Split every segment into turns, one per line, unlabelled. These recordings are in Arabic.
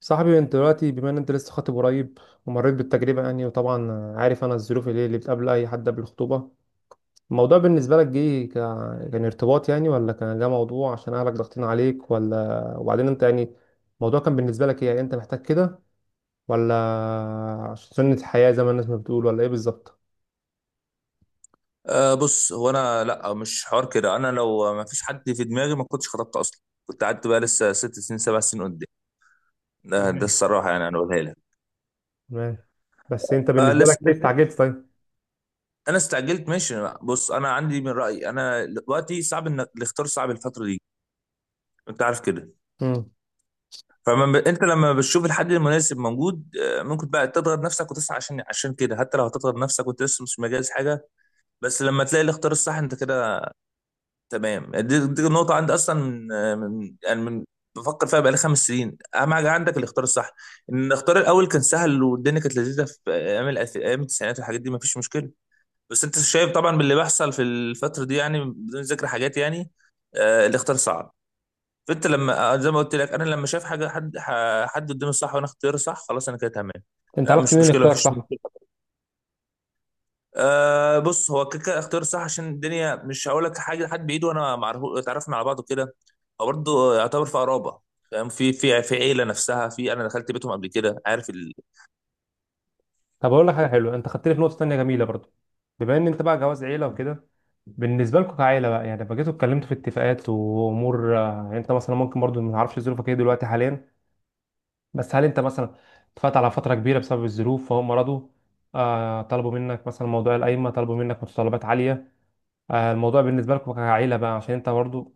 صاحبي انت دلوقتي بما ان انت لسه خاطب قريب، ومريت بالتجربه يعني وطبعا عارف انا الظروف اللي بتقابل اي حد قبل الخطوبه. الموضوع بالنسبه لك جه كان ارتباط يعني، ولا كان ده موضوع عشان اهلك ضاغطين عليك، ولا وبعدين انت يعني الموضوع كان بالنسبه لك ايه؟ يعني انت محتاج كده ولا عشان سنه الحياه زي ما الناس ما بتقول، ولا ايه بالظبط؟
أه بص، هو انا لا، مش حوار كده. انا لو ما فيش حد في دماغي ما كنتش خطبت اصلا. كنت قعدت بقى لسه 6 سنين 7 سنين قدام. ده
تمام،
الصراحه، يعني انا بقولها لك.
تمام. بس انت
أه
بالنسبه
لسه.
لك ليه استعجلت طيب؟
انا استعجلت، ماشي. بص، انا عندي من رايي انا دلوقتي صعب انك الاختيار صعب الفتره دي. انت عارف كده.
امم.
انت لما بتشوف الحد المناسب موجود، آه، ممكن بقى تضغط نفسك وتسعى عشان كده، حتى لو هتضغط نفسك وانت لسه مش مجهز حاجه. بس لما تلاقي الاختيار الصح انت كده تمام. دي النقطة عندي أصلا من من بفكر فيها بقالي 5 سنين. أهم حاجة عندك الاختيار الصح. إن الاختيار الأول كان سهل، والدنيا كانت لذيذة في أيام التسعينات، والحاجات دي مفيش مشكلة. بس أنت شايف طبعا باللي بيحصل في الفترة دي، يعني بدون ذكر حاجات يعني. آه، الاختيار صعب. فأنت لما آه، زي ما قلت لك، أنا لما شايف حاجة حد حد قدامي صح، وأنا اختياري صح، خلاص أنا كده تمام.
انت
لا
عرفت
مش
منين اللي
مشكلة
اختارك
مفيش.
صح؟
أه بص، هو كيكا اختيار صح. عشان الدنيا، مش هقول لك حاجه لحد بايده، وانا معرف اتعرفنا على بعض وكده. هو برضه يعتبر في قرابه، فاهم؟ في في عيله نفسها، في انا دخلت بيتهم قبل كده، عارف.
طب اقول لك حاجه حلوه، انت خدتني في نقطه تانية جميله برضو. بما ان انت بقى جواز عيله وكده، بالنسبه لكم كعيله بقى يعني لما جيتوا اتكلمتوا في اتفاقات وامور آه، يعني انت مثلا ممكن برضو ما نعرفش ظروفك ايه دلوقتي حاليا. بس هل انت مثلا اتفقت على فتره كبيره بسبب الظروف فهم رضوا؟ آه طلبوا منك مثلا موضوع القايمه؟ طلبوا منك متطلبات عاليه؟ آه، الموضوع بالنسبة لكم كعيلة بقى، عشان انت برضو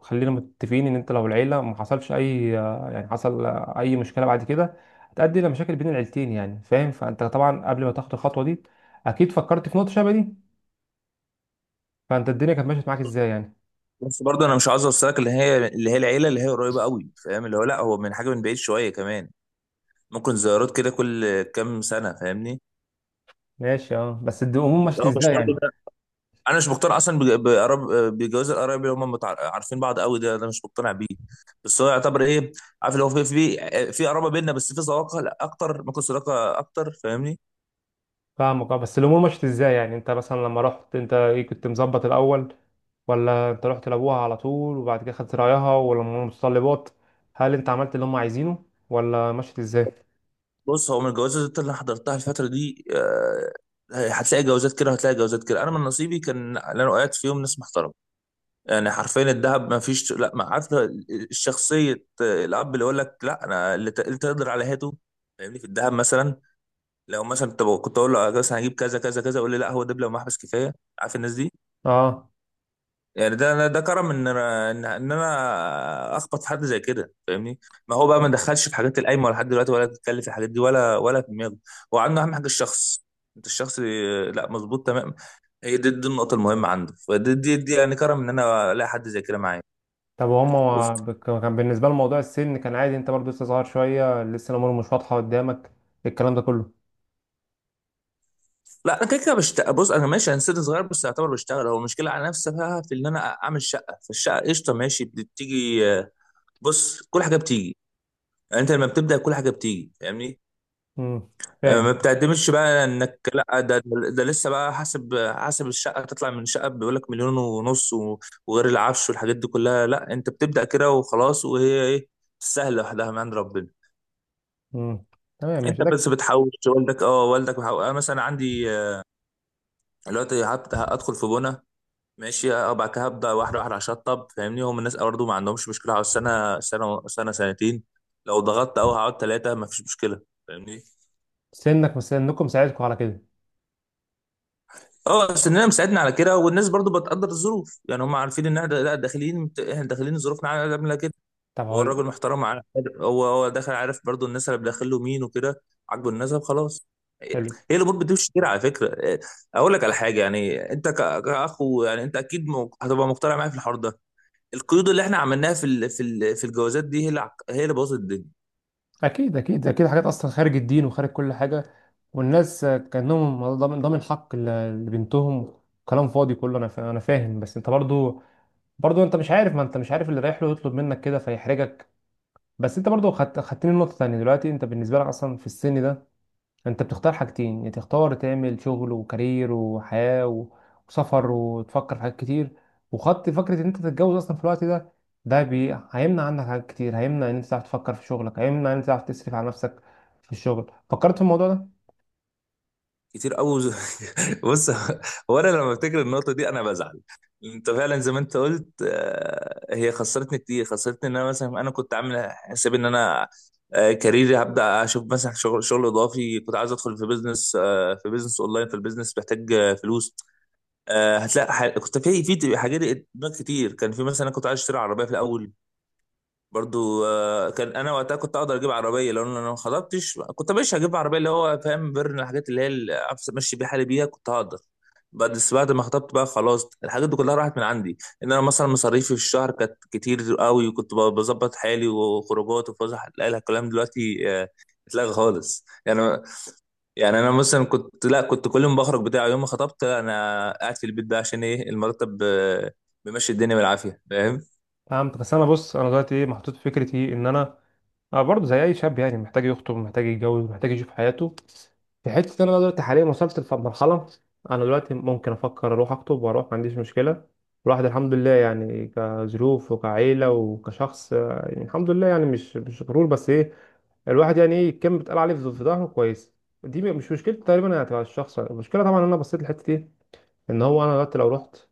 خلينا متفقين ان انت لو العيلة ما حصلش اي آه، يعني حصل آه، اي مشكلة بعد كده هتؤدي الى مشاكل بين العيلتين يعني، فاهم؟ فانت طبعا قبل ما تاخد الخطوة دي اكيد فكرت في نقطة شبه دي. فانت الدنيا كانت ماشية معاك ازاي يعني؟
بس برضه انا مش عاوز اوصلك اللي هي العيله اللي هي قريبه قوي، فاهم؟ اللي هو لا، هو من حاجه من بعيد شويه كمان. ممكن زيارات كده كل كام سنه، فاهمني؟
ماشي. اه بس الامور مشيت
اه مش
ازاي
برضه،
يعني؟
انا مش مقتنع اصلا بج- بقراب بجواز القرايب اللي هم عارفين بعض قوي. ده مش مقتنع بيه. بس هو يعتبر ايه؟ عارف اللي هو في في قرابه بيننا، بس في صداقه، لا اكتر، ممكن صداقه اكتر، فاهمني؟
فاهمك. اه بس الامور مشيت ازاي يعني؟ انت مثلا لما رحت انت ايه كنت مظبط الاول؟ ولا انت رحت لابوها على طول وبعد كده خدت رايها؟ ولا من المتطلبات هل انت عملت اللي هم عايزينه، ولا مشيت ازاي؟
بص، هو من الجوازات اللي انا حضرتها الفتره دي آه، هتلاقي جوازات كده وهتلاقي جوازات كده. انا من نصيبي كان اللي انا وقعت فيهم ناس محترمه، يعني حرفيا الذهب، ما فيش، لا، ما عارف. شخصيه الاب اللي يقول لك لا، اللي تقدر على هاته، فاهمني؟ في الذهب مثلا لو مثلا كنت اقول له آه، مثلا هجيب كذا كذا كذا، يقول لي لا، هو دبلة ومحبس كفايه. عارف الناس دي؟
اه.
يعني ده كرم ان انا اخبط في حد زي كده، فاهمني؟ ما هو بقى ما دخلش في حاجات القايمه ولا لحد دلوقتي، ولا بيتكلم في الحاجات دي ولا في دماغه. هو عنده اهم حاجه الشخص. انت الشخص آه، لا مظبوط تمام. هي دي النقطه المهمه عنده. فدي دي يعني كرم ان انا الاقي حد زي كده معايا.
طب
وف...
وهم كان بالنسبة لهم موضوع السن كان عادي؟ انت برضو لسه صغير شوية، لسه الأمور مش واضحة قدامك، الكلام ده كله.
لا انا كده كده بشتغل. بص انا ماشي، انا سن صغير، بس اعتبر بشتغل. هو المشكله على نفسها في ان انا اعمل شقه، فالشقه قشطه، ماشي، بتيجي. بص كل حاجه بتيجي. يعني انت لما بتبدا كل حاجه بتيجي، فاهمني؟
امم.
آه، ما
فاهم.
بتعتمدش بقى انك لا ده لسه بقى حسب الشقه تطلع. من شقه بيقول لك مليون ونص وغير العفش والحاجات دي كلها. لا، انت بتبدا كده وخلاص. وهي ايه، سهله لوحدها من عند ربنا.
امم. تمام، مش
انت
ده.
بس بتحوش والدك. اه، والدك آه مثلا عندي آه، دلوقتي هدخل في بنا، ماشي، آه، بعد كده هبدا واحده واحده اشطب، فاهمني؟ هم الناس برضه ما عندهمش مشكله على السنه، سنه سنه سنتين. لو ضغطت قوي هقعد ثلاثه، ما فيش مشكله، فاهمني؟
سنك مش سنكم ساعدكم على كده.
اه سننا مساعدنا على كده. والناس برضو بتقدر الظروف يعني، هم عارفين ان احنا لا داخلين، احنا داخلين ظروفنا عامله كده.
طب
هو
هقول لك.
الراجل محترم، عارف؟ هو هو داخل عارف برضو الناس اللي داخل له مين وكده. عاجبه النسب، خلاص.
حلو.
هي الامور بتمشي كده على فكره، إيه، اقول لك على حاجه. يعني انت كاخ، يعني انت اكيد هتبقى مقتنع معايا في الحوار ده. القيود اللي احنا عملناها في الجوازات دي هي اللي هي اللي بوظت الدنيا.
أكيد، أكيد، أكيد، حاجات أصلا خارج الدين وخارج كل حاجة، والناس كأنهم ضامن حق لبنتهم. كلام فاضي كله. أنا فاهم، بس أنت برضو، برضو أنت مش عارف، ما أنت مش عارف اللي رايح له يطلب منك كده فيحرجك. بس أنت برضو خدتني نقطة تانية. دلوقتي أنت بالنسبة لك أصلا في السن ده انت بتختار حاجتين: يا تختار تعمل شغل وكارير وحياة وسفر وتفكر في حاجات كتير، وخط فكرة ان انت تتجوز اصلا في الوقت ده. هيمنع عنك حاجات كتير، هيمنع ان انت تعرف تفكر في شغلك، هيمنع ان انت تعرف تصرف على نفسك في الشغل. فكرت في الموضوع ده؟
كتير قوي. بص، هو انا لما افتكر النقطه دي انا بزعل. انت فعلا زي ما انت قلت آه، هي خسرتني كتير. خسرتني ان انا مثلا، انا كنت عامل حساب ان انا آه، كاريري هبدا اشوف مثلا شغل اضافي، كنت عايز ادخل في بيزنس آه، في بيزنس اونلاين، في البيزنس محتاج آه، فلوس. آه، هتلاقي كنت في حاجات دماغ كتير. كان في مثلا انا كنت عايز اشتري عربيه في الاول. برضو آه، كان انا وقتها كنت اقدر اجيب عربيه لو انا ما خطبتش. كنت مش هجيب عربيه اللي هو، فاهم، بيرن، الحاجات اللي هي اللي أعرف امشي بيها حالي بيها، كنت هقدر. بعد، بس بعد ما خطبت بقى خلاص، الحاجات دي كلها راحت من عندي. ان انا مثلا مصاريفي في الشهر كانت كتير قوي، وكنت بظبط حالي، وخروجات، وفسح، لا لا، الكلام دلوقتي آه، اتلغى خالص يعني. يعني انا مثلا كنت لا كنت كل يوم بخرج بتاع. يوم ما خطبت انا قاعد في البيت ده، عشان ايه؟ المرتب آه، بيمشي الدنيا بالعافيه، فاهم؟
فهمت. بس انا بص، انا دلوقتي ايه محطوط في فكرة ايه؟ ان انا، أنا برضه زي اي شاب يعني، محتاج يخطب، محتاج يتجوز، محتاج يشوف حياته. في حته إن انا دلوقتي حاليا وصلت لمرحله انا دلوقتي ممكن افكر اروح اخطب واروح، ما عنديش مشكله. الواحد الحمد لله يعني كظروف وكعيله وكشخص آه، يعني الحمد لله يعني، مش غرور، بس ايه، الواحد يعني ايه كان بيتقال عليه في ظهره كويس. دي مش مشكلة تقريبا يعني، تبع الشخص. المشكله طبعا إن انا بصيت للحته دي، ان هو انا دلوقتي لو رحت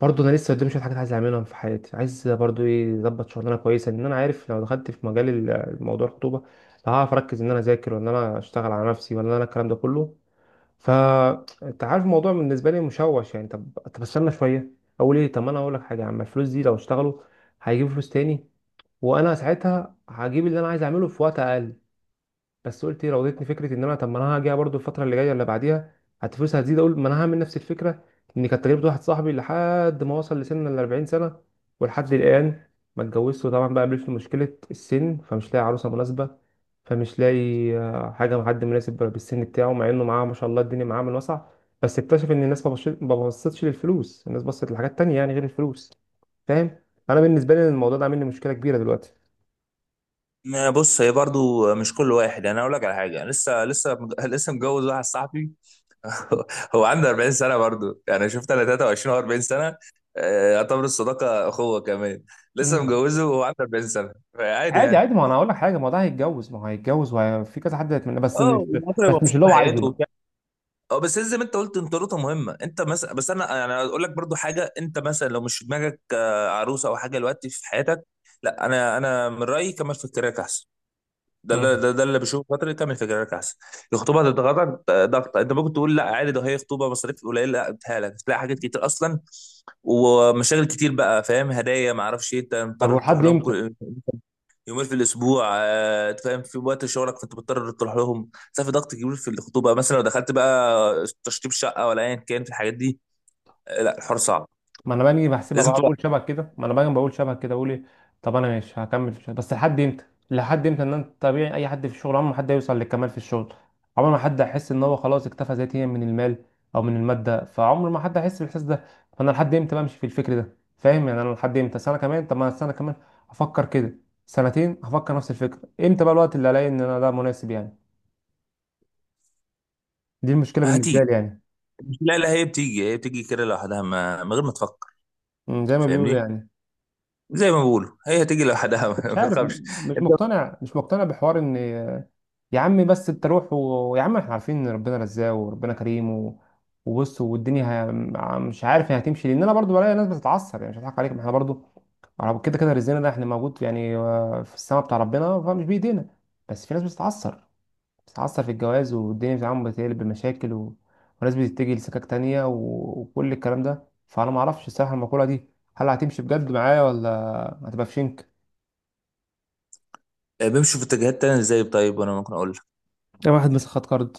برضه انا لسه قدامي شويه حاجات عايز اعملهم في حياتي، عايز برضه ايه، اظبط شغلانه كويسه. ان انا عارف لو دخلت في مجال الموضوع الخطوبه هعرف اركز ان انا اذاكر وان انا اشتغل على نفسي ولا انا، الكلام ده كله. فانت عارف الموضوع بالنسبه لي مشوش يعني. طب استنى شويه، اقول ايه، طب ما انا اقول لك حاجه يا عم، الفلوس دي لو اشتغلوا هيجيبوا فلوس تاني، وانا ساعتها هجيب اللي انا عايز اعمله في وقت اقل. بس قلت ايه، راودتني فكره ان انا طب ما انا هاجي برضو الفتره اللي جايه ولا بعديها فلوسها هتزيد، اقول ما انا هعمل نفس الفكره. ان كانت تجربه واحد صاحبي لحد ما وصل لسن ال 40 سنه ولحد الان ما اتجوزش، وطبعا بقى قابلته مشكله السن فمش لاقي عروسه مناسبه، فمش لاقي آه، حاجه مع حد مناسب بالسن بتاعه، مع انه معاه ما شاء الله، الدنيا معاه من وسع. بس اكتشف ان الناس ما بصتش للفلوس، الناس بصت لحاجات تانية يعني غير الفلوس، فاهم؟ انا بالنسبه لي الموضوع ده عامل لي مشكله كبيره دلوقتي.
ما بص، هي برضو مش كل واحد. يعني انا اقول لك على حاجه، أنا لسه متجوز واحد صاحبي. هو عنده 40 سنه برضو. يعني شفت؟ انا 23 و 40 سنه، آه، يعتبر الصداقه اخوه كمان. لسه متجوزه وهو عنده 40 سنه، فعادي
عادي،
يعني.
عادي، ما انا اقول لك حاجه، ما ده هيتجوز، ما هو هيتجوز وفي كذا حد هيتمنى، بس
اه
مش،
وبعدين هو
بس مش
مبسوط
اللي هو عايزه
بحياته
بقى.
وبتاع. اه بس زي ما انت قلت، انطروته مهمه. انت مثلا، بس انا يعني اقول لك برضو حاجه، انت مثلا لو مش في دماغك آه، عروسه او حاجه دلوقتي في حياتك، لا انا من رايي كمل في الكراك احسن. ده اللي
مم.
ده اللي بشوفه. فتره تعمل فكرك احسن. الخطوبه هتضغطك ضغط. انت ممكن تقول لا عادي، ده هي خطوبه، مصاريف قليله. لا، بتهالك تلاقي حاجات كتير اصلا، ومشاغل كتير بقى، فاهم؟ هدايا، ما اعرفش ايه. انت
طب
مضطر تروح
ولحد
لهم
امتى؟
كل يومين في الاسبوع آه، فاهم؟ في وقت شغلك فانت مضطر تروح لهم. ده في ضغط كبير في الخطوبه. مثلا لو دخلت بقى تشطيب شقه ولا ايا كان في الحاجات دي، آه، لا الحوار صعب.
ما انا باجي بحسبها
لازم
بقى،
تبقى
بقول شبه كده، ما انا باجي بقول شبه كده، بقول ايه، طب انا ماشي هكمل في الشغل، بس لحد امتى؟ لحد امتى ان انت طبيعي؟ اي حد في الشغل عمره ما حد هيوصل للكمال في الشغل، عمر ما حد هيحس ان هو خلاص اكتفى ذاتيا من المال او من الماده، فعمر ما حد هيحس بالاحساس ده. فانا لحد امتى بمشي في الفكر ده، فاهم يعني؟ انا لحد امتى؟ سنه كمان؟ طب ما أنا سنه كمان هفكر كده، سنتين هفكر نفس الفكره. امتى بقى الوقت اللي الاقي ان انا ده مناسب يعني؟ دي المشكله
هتيجي.
بالنسبه لي يعني.
لا لا، هي بتيجي، هي بتيجي كده لوحدها، من غير ما تفكر،
زي ما بيقولوا
فاهمني؟
يعني.
زي ما بقولوا، هي هتيجي لوحدها.
مش
ما
عارف،
تخافش.
مش
انت
مقتنع مش مقتنع بحوار ان، يا عم بس انت روح ويا عم احنا عارفين ان ربنا رزاق وربنا كريم وبص والدنيا مش عارف هي هتمشي، لان انا برضو بلاقي ناس بتتعصب يعني، مش هضحك عليك، ما احنا برضو كده كده رزقنا ده احنا موجود يعني آه، في السماء بتاع ربنا، فمش بايدينا. بس في ناس بتتعصب، بتتعصب في الجواز والدنيا بتاعهم بتقلب بمشاكل وناس بتتجه لسكاك تانية وكل الكلام ده. فانا ما اعرفش الصراحه المقوله دي هل هتمشي بجد معايا، ولا هتبقى في شنك؟
بيمشوا في اتجاهات تانية ازاي طيب؟ وانا ممكن اقول لك،
ده واحد مسخ خد كارد،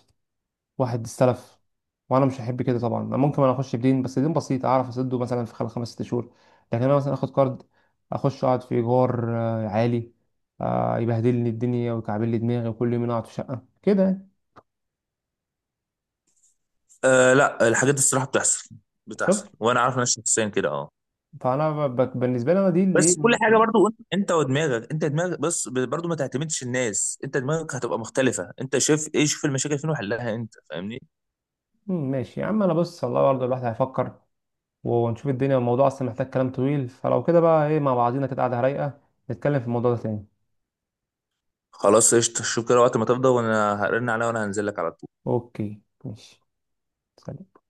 واحد استلف، وانا مش هحب كده طبعا. أنا ممكن انا اخش بدين، بس دين بسيط اعرف اسده مثلا في خلال خمس ست شهور. لكن انا مثلا اخد كارد، اخش اقعد في ايجار آه، عالي، آه، يبهدلني الدنيا ويكعبل لي دماغي، وكل يوم اقعد في شقه كده يعني.
آه لا الحاجات دي الصراحه بتحصل. بتحصل،
شفت؟
وانا عارف ناس شخصيا كده، اه.
فانا بالنسبه لي انا دي اللي إيه،
بس كل
م-
حاجه برضو انت ودماغك، انت دماغك بس برضو ما تعتمدش الناس. انت دماغك هتبقى مختلفه. انت شايف ايه؟ شوف المشاكل فين وحلها انت، فاهمني؟
ماشي يا عم. انا بص، الله برضه الواحد هيفكر ونشوف الدنيا. الموضوع اصلا محتاج كلام طويل، فلو كده بقى ايه مع بعضينا كده قاعده رايقه نتكلم في الموضوع ده تاني.
خلاص قشطه، شوف كده وقت ما تفضى، وانا هرن عليها وانا هنزل لك على طول.
اوكي ماشي. سلام.